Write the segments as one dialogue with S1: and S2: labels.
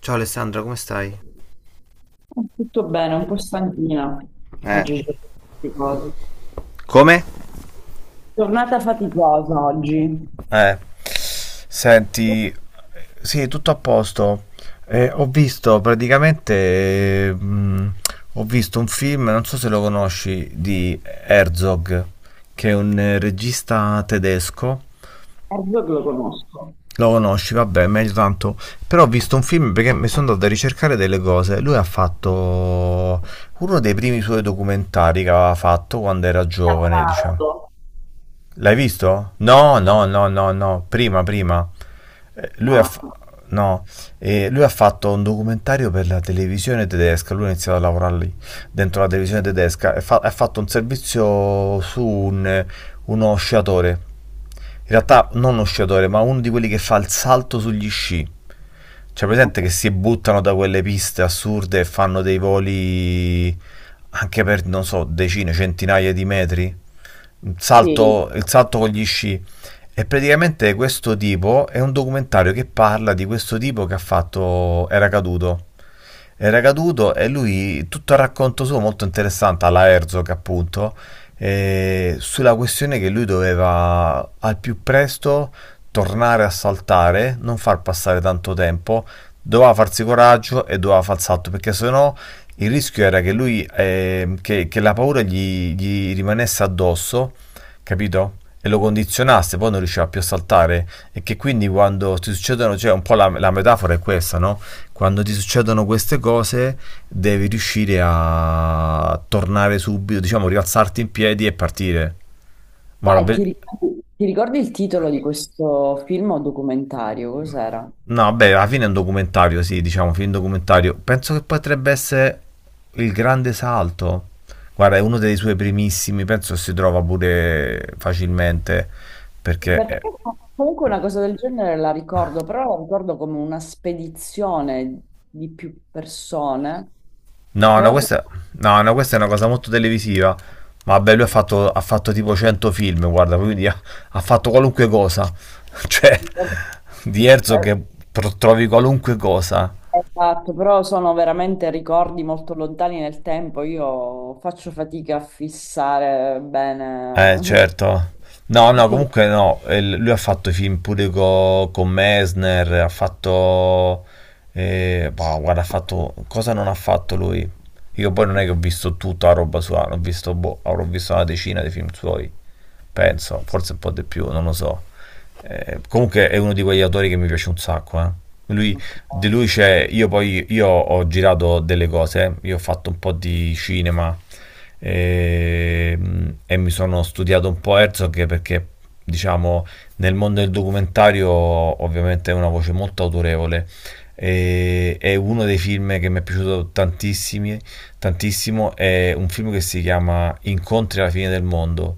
S1: Ciao Alessandra, come stai?
S2: Tutto bene, un po' stanchina
S1: Eh.
S2: oggi. C'è queste cose.
S1: Come?
S2: Giornata faticosa oggi.
S1: Eh, senti, sì, tutto a posto. Eh, ho visto praticamente, eh, mh, ho visto un film, non so se lo conosci, di Herzog, che è un regista tedesco.
S2: Erzo che lo conosco,
S1: Lo conosci, vabbè, meglio tanto. Però ho visto un film perché mi sono andato a ricercare delle cose. Lui ha fatto uno dei primi suoi documentari che aveva fatto quando era giovane, diciamo. L'hai visto? No, no, no, no, no, prima, prima. Eh, Lui
S2: ma,
S1: ha, fa-
S2: ma
S1: no, lui ha fatto un documentario per la televisione tedesca, lui ha iniziato a lavorare lì, dentro la televisione tedesca, e ha fatto un servizio su uno sciatore, in realtà non uno sciatore, ma uno di quelli che fa il salto sugli sci. Cioè, presente che si buttano da quelle piste assurde e fanno dei voli anche per, non so, decine, centinaia di metri? Un
S2: sì.
S1: salto, il salto con gli sci. E praticamente questo tipo è un documentario che parla di questo tipo che ha fatto, era caduto. Era caduto e lui, tutto il racconto suo molto interessante, alla Herzog appunto, sulla questione che lui doveva al più presto tornare a saltare, non far passare tanto tempo, doveva farsi coraggio e doveva far salto perché sennò il rischio era che lui, che la paura gli rimanesse addosso, capito? E lo condizionasse, poi non riusciva più a saltare. E che quindi quando ti succedono, cioè un po' la metafora è questa, no? Quando ti succedono queste cose, devi riuscire a tornare subito, diciamo, rialzarti in piedi e partire. Ma
S2: E ti ricordi il titolo di questo film o documentario? Cos'era?
S1: no, beh, alla fine è un documentario, sì, diciamo, film documentario. Penso che potrebbe essere Il Grande Salto. Guarda, è uno dei suoi primissimi, penso si trova pure facilmente, perché...
S2: Perché comunque una cosa del genere la ricordo, però la ricordo come una spedizione di più persone.
S1: No,
S2: Tra
S1: no,
S2: l'altro,
S1: questa, no, no, questa è una cosa molto televisiva. Ma vabbè, lui ha fatto tipo 100 film, guarda, quindi ha fatto qualunque cosa. Cioè, di Herzog che trovi qualunque cosa.
S2: esatto, però sono veramente ricordi molto lontani nel tempo. Io faccio fatica a fissare bene
S1: Certo. No, no,
S2: tutto
S1: comunque no, lui ha fatto i film pure con Messner, ha fatto... boh, guarda, ha fatto... Cosa non ha fatto lui? Io poi non è che ho visto tutta la roba sua, ho visto, boh, avrò visto una decina di film suoi, penso, forse un po' di più, non lo so. Comunque è uno di quegli autori che mi piace un sacco, eh. Lui, di
S2: questo.
S1: lui c'è, io ho girato delle cose, eh. Io ho fatto un po' di cinema, e, e mi sono studiato un po' Herzog perché, diciamo, nel mondo del documentario ovviamente è una voce molto autorevole. E, è uno dei film che mi è piaciuto tantissimi, tantissimo, è un film che si chiama Incontri alla fine del mondo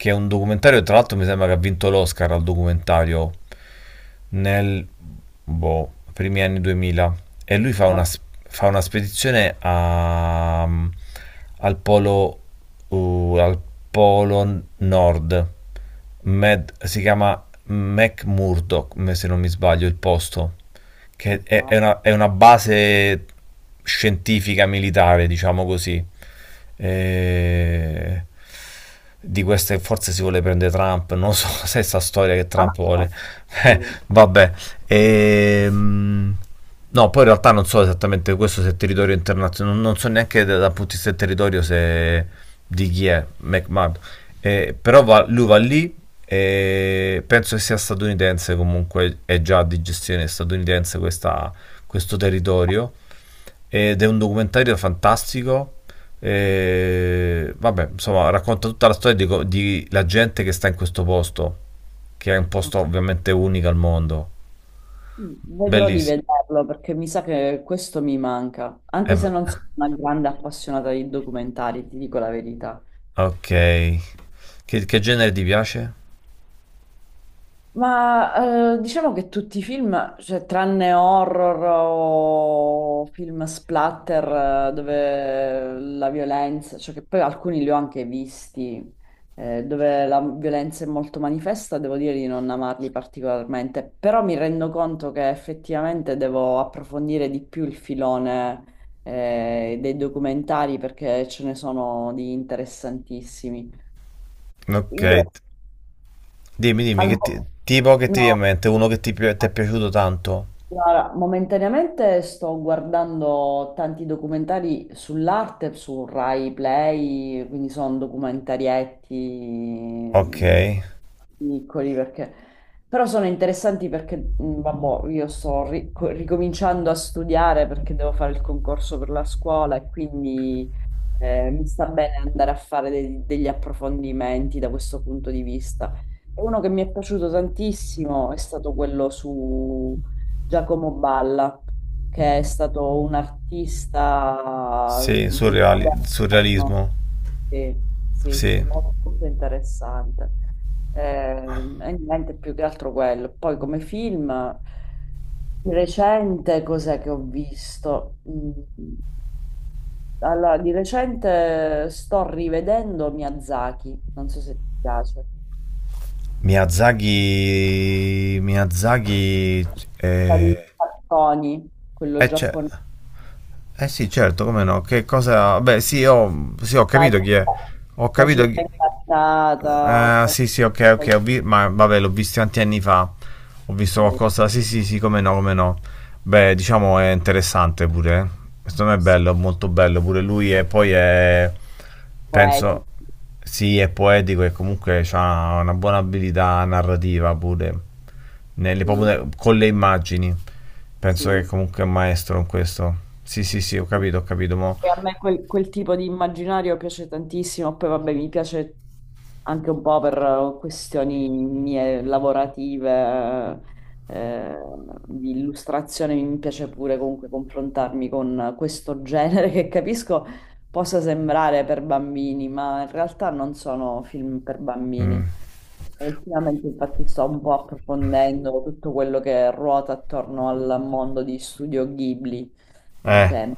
S1: che è un documentario, tra l'altro mi sembra che ha vinto l'Oscar al documentario nel boh, primi anni 2000 e lui fa
S2: Ma
S1: una,
S2: non
S1: spedizione al polo nord. Si chiama McMurdoch, se non mi sbaglio il posto, che è,
S2: so.
S1: è una, è una base scientifica militare diciamo così. E- di queste forse si vuole prendere Trump, non so se è sta storia che Trump
S2: Ah,
S1: vuole. Eh,
S2: sì.
S1: vabbè. Ehm, no, poi in realtà non so esattamente questo se è territorio internazionale, non so neanche dal punto di vista del territorio se di chi è McMahon. Però lui va lì e penso che sia statunitense comunque, è già di gestione statunitense questo territorio ed è un documentario fantastico. E, vabbè, insomma, racconta tutta la storia di, di la gente che sta in questo posto, che è un posto ovviamente unico al mondo.
S2: Vedrò di
S1: Bellissimo.
S2: vederlo perché mi sa che questo mi manca,
S1: Eh,
S2: anche se
S1: b-
S2: non sono una grande appassionata di documentari, ti dico la verità.
S1: ok. Che genere ti piace?
S2: Ma diciamo che tutti i film, cioè tranne horror o film splatter dove la violenza, cioè che poi alcuni li ho anche visti, dove la violenza è molto manifesta, devo dire di non amarli particolarmente, però mi rendo conto che effettivamente devo approfondire di più il filone dei documentari perché ce ne sono di interessantissimi.
S1: Ok.
S2: Io
S1: Dimmi, dimmi,
S2: al...
S1: tipo che ti
S2: no.
S1: viene in mente? Uno che ti è piaciuto tanto?
S2: Guarda, momentaneamente sto guardando tanti documentari sull'arte su Rai Play, quindi sono documentarietti
S1: Ok.
S2: piccoli perché... però sono interessanti perché, vabbò, io sto ricominciando a studiare perché devo fare il concorso per la scuola e quindi mi sta bene andare a fare degli approfondimenti da questo punto di vista. E uno che mi è piaciuto tantissimo è stato quello su Giacomo Balla, che è stato un artista
S1: Sì,
S2: moderno.
S1: surrealismo.
S2: Sì, sì, sì,
S1: Sì.
S2: molto interessante. Eh, e niente più che altro quello. Poi come film di recente, cos'è che ho visto? Allora, di recente sto rivedendo Miyazaki, non so se ti piace.
S1: Miyazaki... Miyazaki...
S2: Sta
S1: eh,
S2: Di cartoni, quello
S1: Eh, ce-
S2: giapponese.
S1: eh sì, certo, come no? Che cosa... Beh, sì, ho, sì, ho
S2: la,
S1: capito chi è. Ho
S2: la
S1: capito
S2: città
S1: chi...
S2: incantata,
S1: Sì, sì, ok, ok,
S2: con-
S1: ma vabbè, l'ho visto tanti anni fa. Ho visto
S2: sì,
S1: qualcosa... Sì, sì, sì, come no, come no. Beh, diciamo è interessante pure. Eh. Secondo me è
S2: sì,
S1: bello, molto bello pure lui e poi è... Penso...
S2: poetici,
S1: Sì, è poetico e comunque ha una buona abilità narrativa pure
S2: sì,
S1: con le immagini. Penso
S2: sì,
S1: che
S2: sì.
S1: comunque è un maestro in questo. Sì, sì, sì, ho
S2: Sì.
S1: capito, ho capito. Mo.
S2: E a me quel, quel tipo di immaginario piace tantissimo, poi vabbè mi piace anche un po' per questioni mie lavorative, eh, di illustrazione, mi piace pure comunque confrontarmi con questo genere che capisco possa sembrare per bambini, ma in realtà non sono film per bambini. Ultimamente infatti sto un po' approfondendo tutto quello che ruota attorno al mondo di Studio Ghibli che
S1: Eh,
S2: è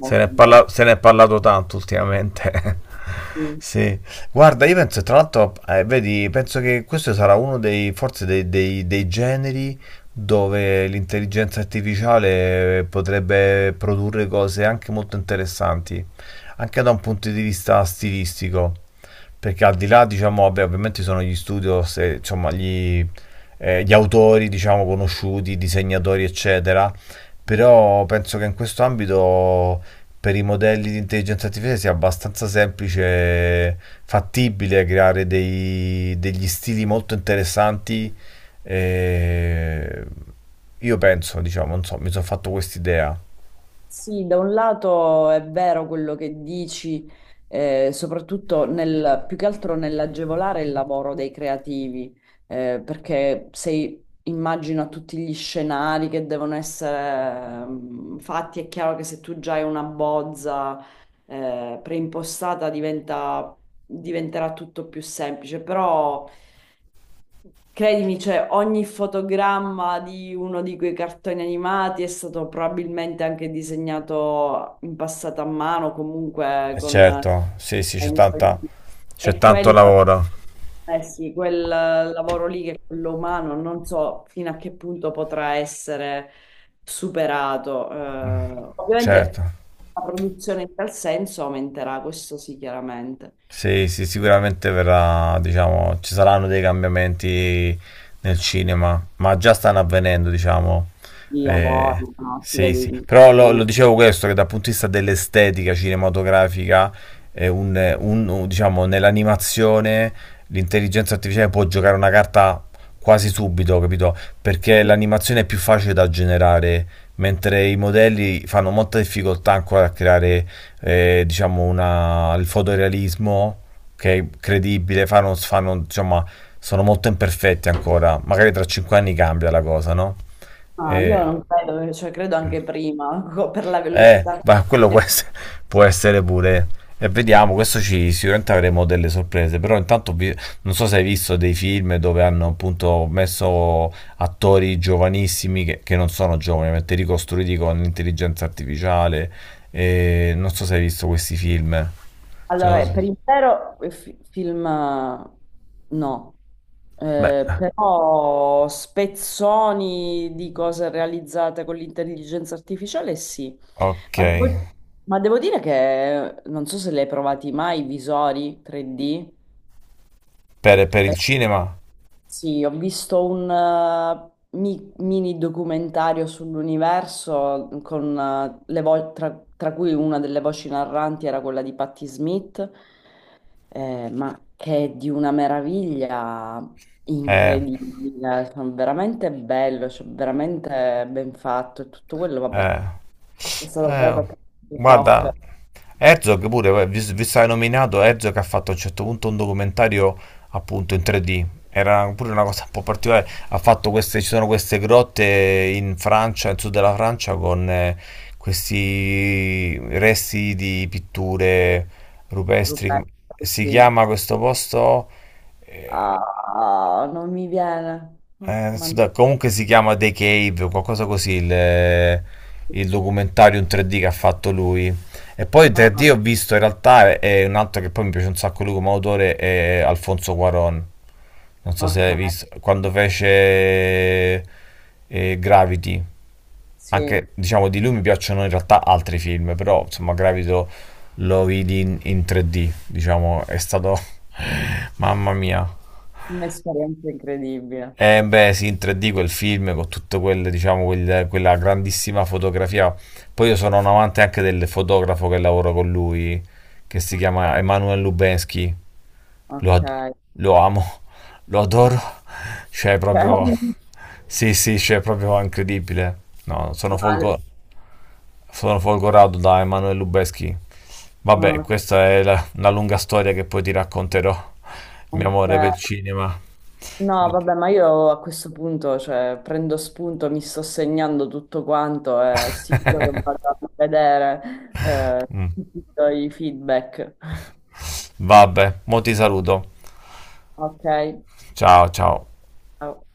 S1: se ne è,
S2: interessante.
S1: parla- se ne è parlato tanto ultimamente.
S2: Sì,
S1: Sì, guarda, io penso, tra l'altro, vedi, penso che questo sarà uno dei, forse dei, dei generi dove l'intelligenza artificiale potrebbe produrre cose anche molto interessanti, anche da un punto di vista stilistico, perché al di là, diciamo, vabbè, ovviamente ci sono gli studios, insomma, gli autori, diciamo, conosciuti, disegnatori, eccetera, però penso che in questo ambito per i modelli di intelligenza artificiale sia abbastanza semplice, fattibile creare degli stili molto interessanti. E io penso, diciamo, non so, mi sono fatto quest'idea.
S2: sì, da un lato è vero quello che dici, soprattutto nel, più che altro nell'agevolare il lavoro dei creativi, perché se immagino a tutti gli scenari che devono essere fatti, è chiaro che se tu già hai una bozza, preimpostata diventerà tutto più semplice, però... Credimi, cioè, ogni fotogramma di uno di quei cartoni animati è stato probabilmente anche disegnato in passato a mano, comunque
S1: E
S2: con...
S1: certo, sì, sì, c'è tanta,
S2: E
S1: c'è tanto
S2: quello,
S1: lavoro.
S2: eh sì, quel lavoro lì che è quello umano, non so fino a che punto potrà essere superato. Ovviamente
S1: Certo.
S2: la produzione in tal senso aumenterà, questo sì, chiaramente.
S1: Sì, sì, sicuramente verrà, diciamo, ci saranno dei cambiamenti nel cinema, ma già stanno avvenendo, diciamo.
S2: Di
S1: Eh,
S2: lavoro, no? Si
S1: sì,
S2: vede
S1: sì.
S2: di
S1: Però lo
S2: tutto.
S1: dicevo questo, che dal punto di vista dell'estetica cinematografica, diciamo, nell'animazione l'intelligenza artificiale può giocare una carta quasi subito, capito? Perché l'animazione è più facile da generare, mentre i modelli fanno molta difficoltà ancora a creare diciamo il fotorealismo che è credibile, diciamo, sono molto imperfetti ancora, magari tra 5 anni cambia la cosa, no?
S2: Ah, io
S1: E...
S2: non credo, cioè credo anche prima, per la
S1: Eh,
S2: velocità.
S1: ma quello può essere pure. E vediamo, questo ci sicuramente avremo delle sorprese, però intanto non so se hai visto dei film dove hanno appunto messo attori giovanissimi che non sono giovani, ovviamente ricostruiti con l'intelligenza artificiale. E non so se hai visto questi film. Cioè,
S2: Allora,
S1: non so-
S2: per intero film no.
S1: beh,
S2: Però spezzoni di cose realizzate con l'intelligenza artificiale sì,
S1: ok.
S2: ma devo, ma devo dire che non so se le hai provati mai, i visori 3D.
S1: Per il cinema?
S2: Sì, ho visto un mini documentario sull'universo con le tra, tra cui una delle voci narranti era quella di Patti Smith, ma che è di una meraviglia
S1: Eh,
S2: incredibile, cioè, veramente bello, cioè, veramente ben fatto e tutto quello, vabbè,
S1: eh.
S2: è stato creato
S1: Eh,
S2: attraverso il
S1: guarda,
S2: software.
S1: Herzog pure, vi sai nominato, Herzog ha fatto a un certo punto un documentario appunto in 3D. Era pure una cosa un po' particolare. Ha fatto queste, ci sono queste grotte in Francia, nel sud della Francia, con questi resti di pitture rupestri.
S2: Rupert,
S1: Si
S2: sì.
S1: chiama questo posto? Eh,
S2: Ah, non mi viene.
S1: eh,
S2: Ah,
S1: adesso
S2: mannaggia.
S1: comunque si chiama The Cave o qualcosa così il documentario in 3D che ha fatto lui. E poi in 3D ho visto in realtà è un altro che poi mi piace un sacco lui come autore è Alfonso Cuarón. Non so se
S2: Ok,
S1: hai visto quando fece Gravity. Anche
S2: sì,
S1: diciamo di lui mi piacciono in realtà altri film, però insomma Gravity lo vidi in 3D, diciamo, è stato mamma mia.
S2: un'esperienza incredibile.
S1: Eh beh, sì, in 3D quel film con tutto quel, diciamo, quella grandissima fotografia. Poi io sono un amante anche del fotografo che lavoro con lui, che si
S2: Ok,
S1: chiama Emanuel Lubensky. Lo,
S2: ok.
S1: ad- lo amo, lo adoro. Cioè, proprio...
S2: Ok.
S1: Sì, sì, cioè, proprio incredibile. No, sono
S2: Ma-
S1: folgo- sono folgorato da Emanuel Lubensky. Vabbè, questa è una lunga storia che poi ti racconterò, il mio amore per il
S2: ok.
S1: cinema.
S2: No, vabbè, ma io a questo punto, cioè, prendo spunto, mi sto segnando tutto quanto e sicuro che vado a vedere
S1: Mm.
S2: tutti i tuoi feedback.
S1: Vabbè, mo ti saluto.
S2: Ok,
S1: Ciao, ciao.
S2: ciao.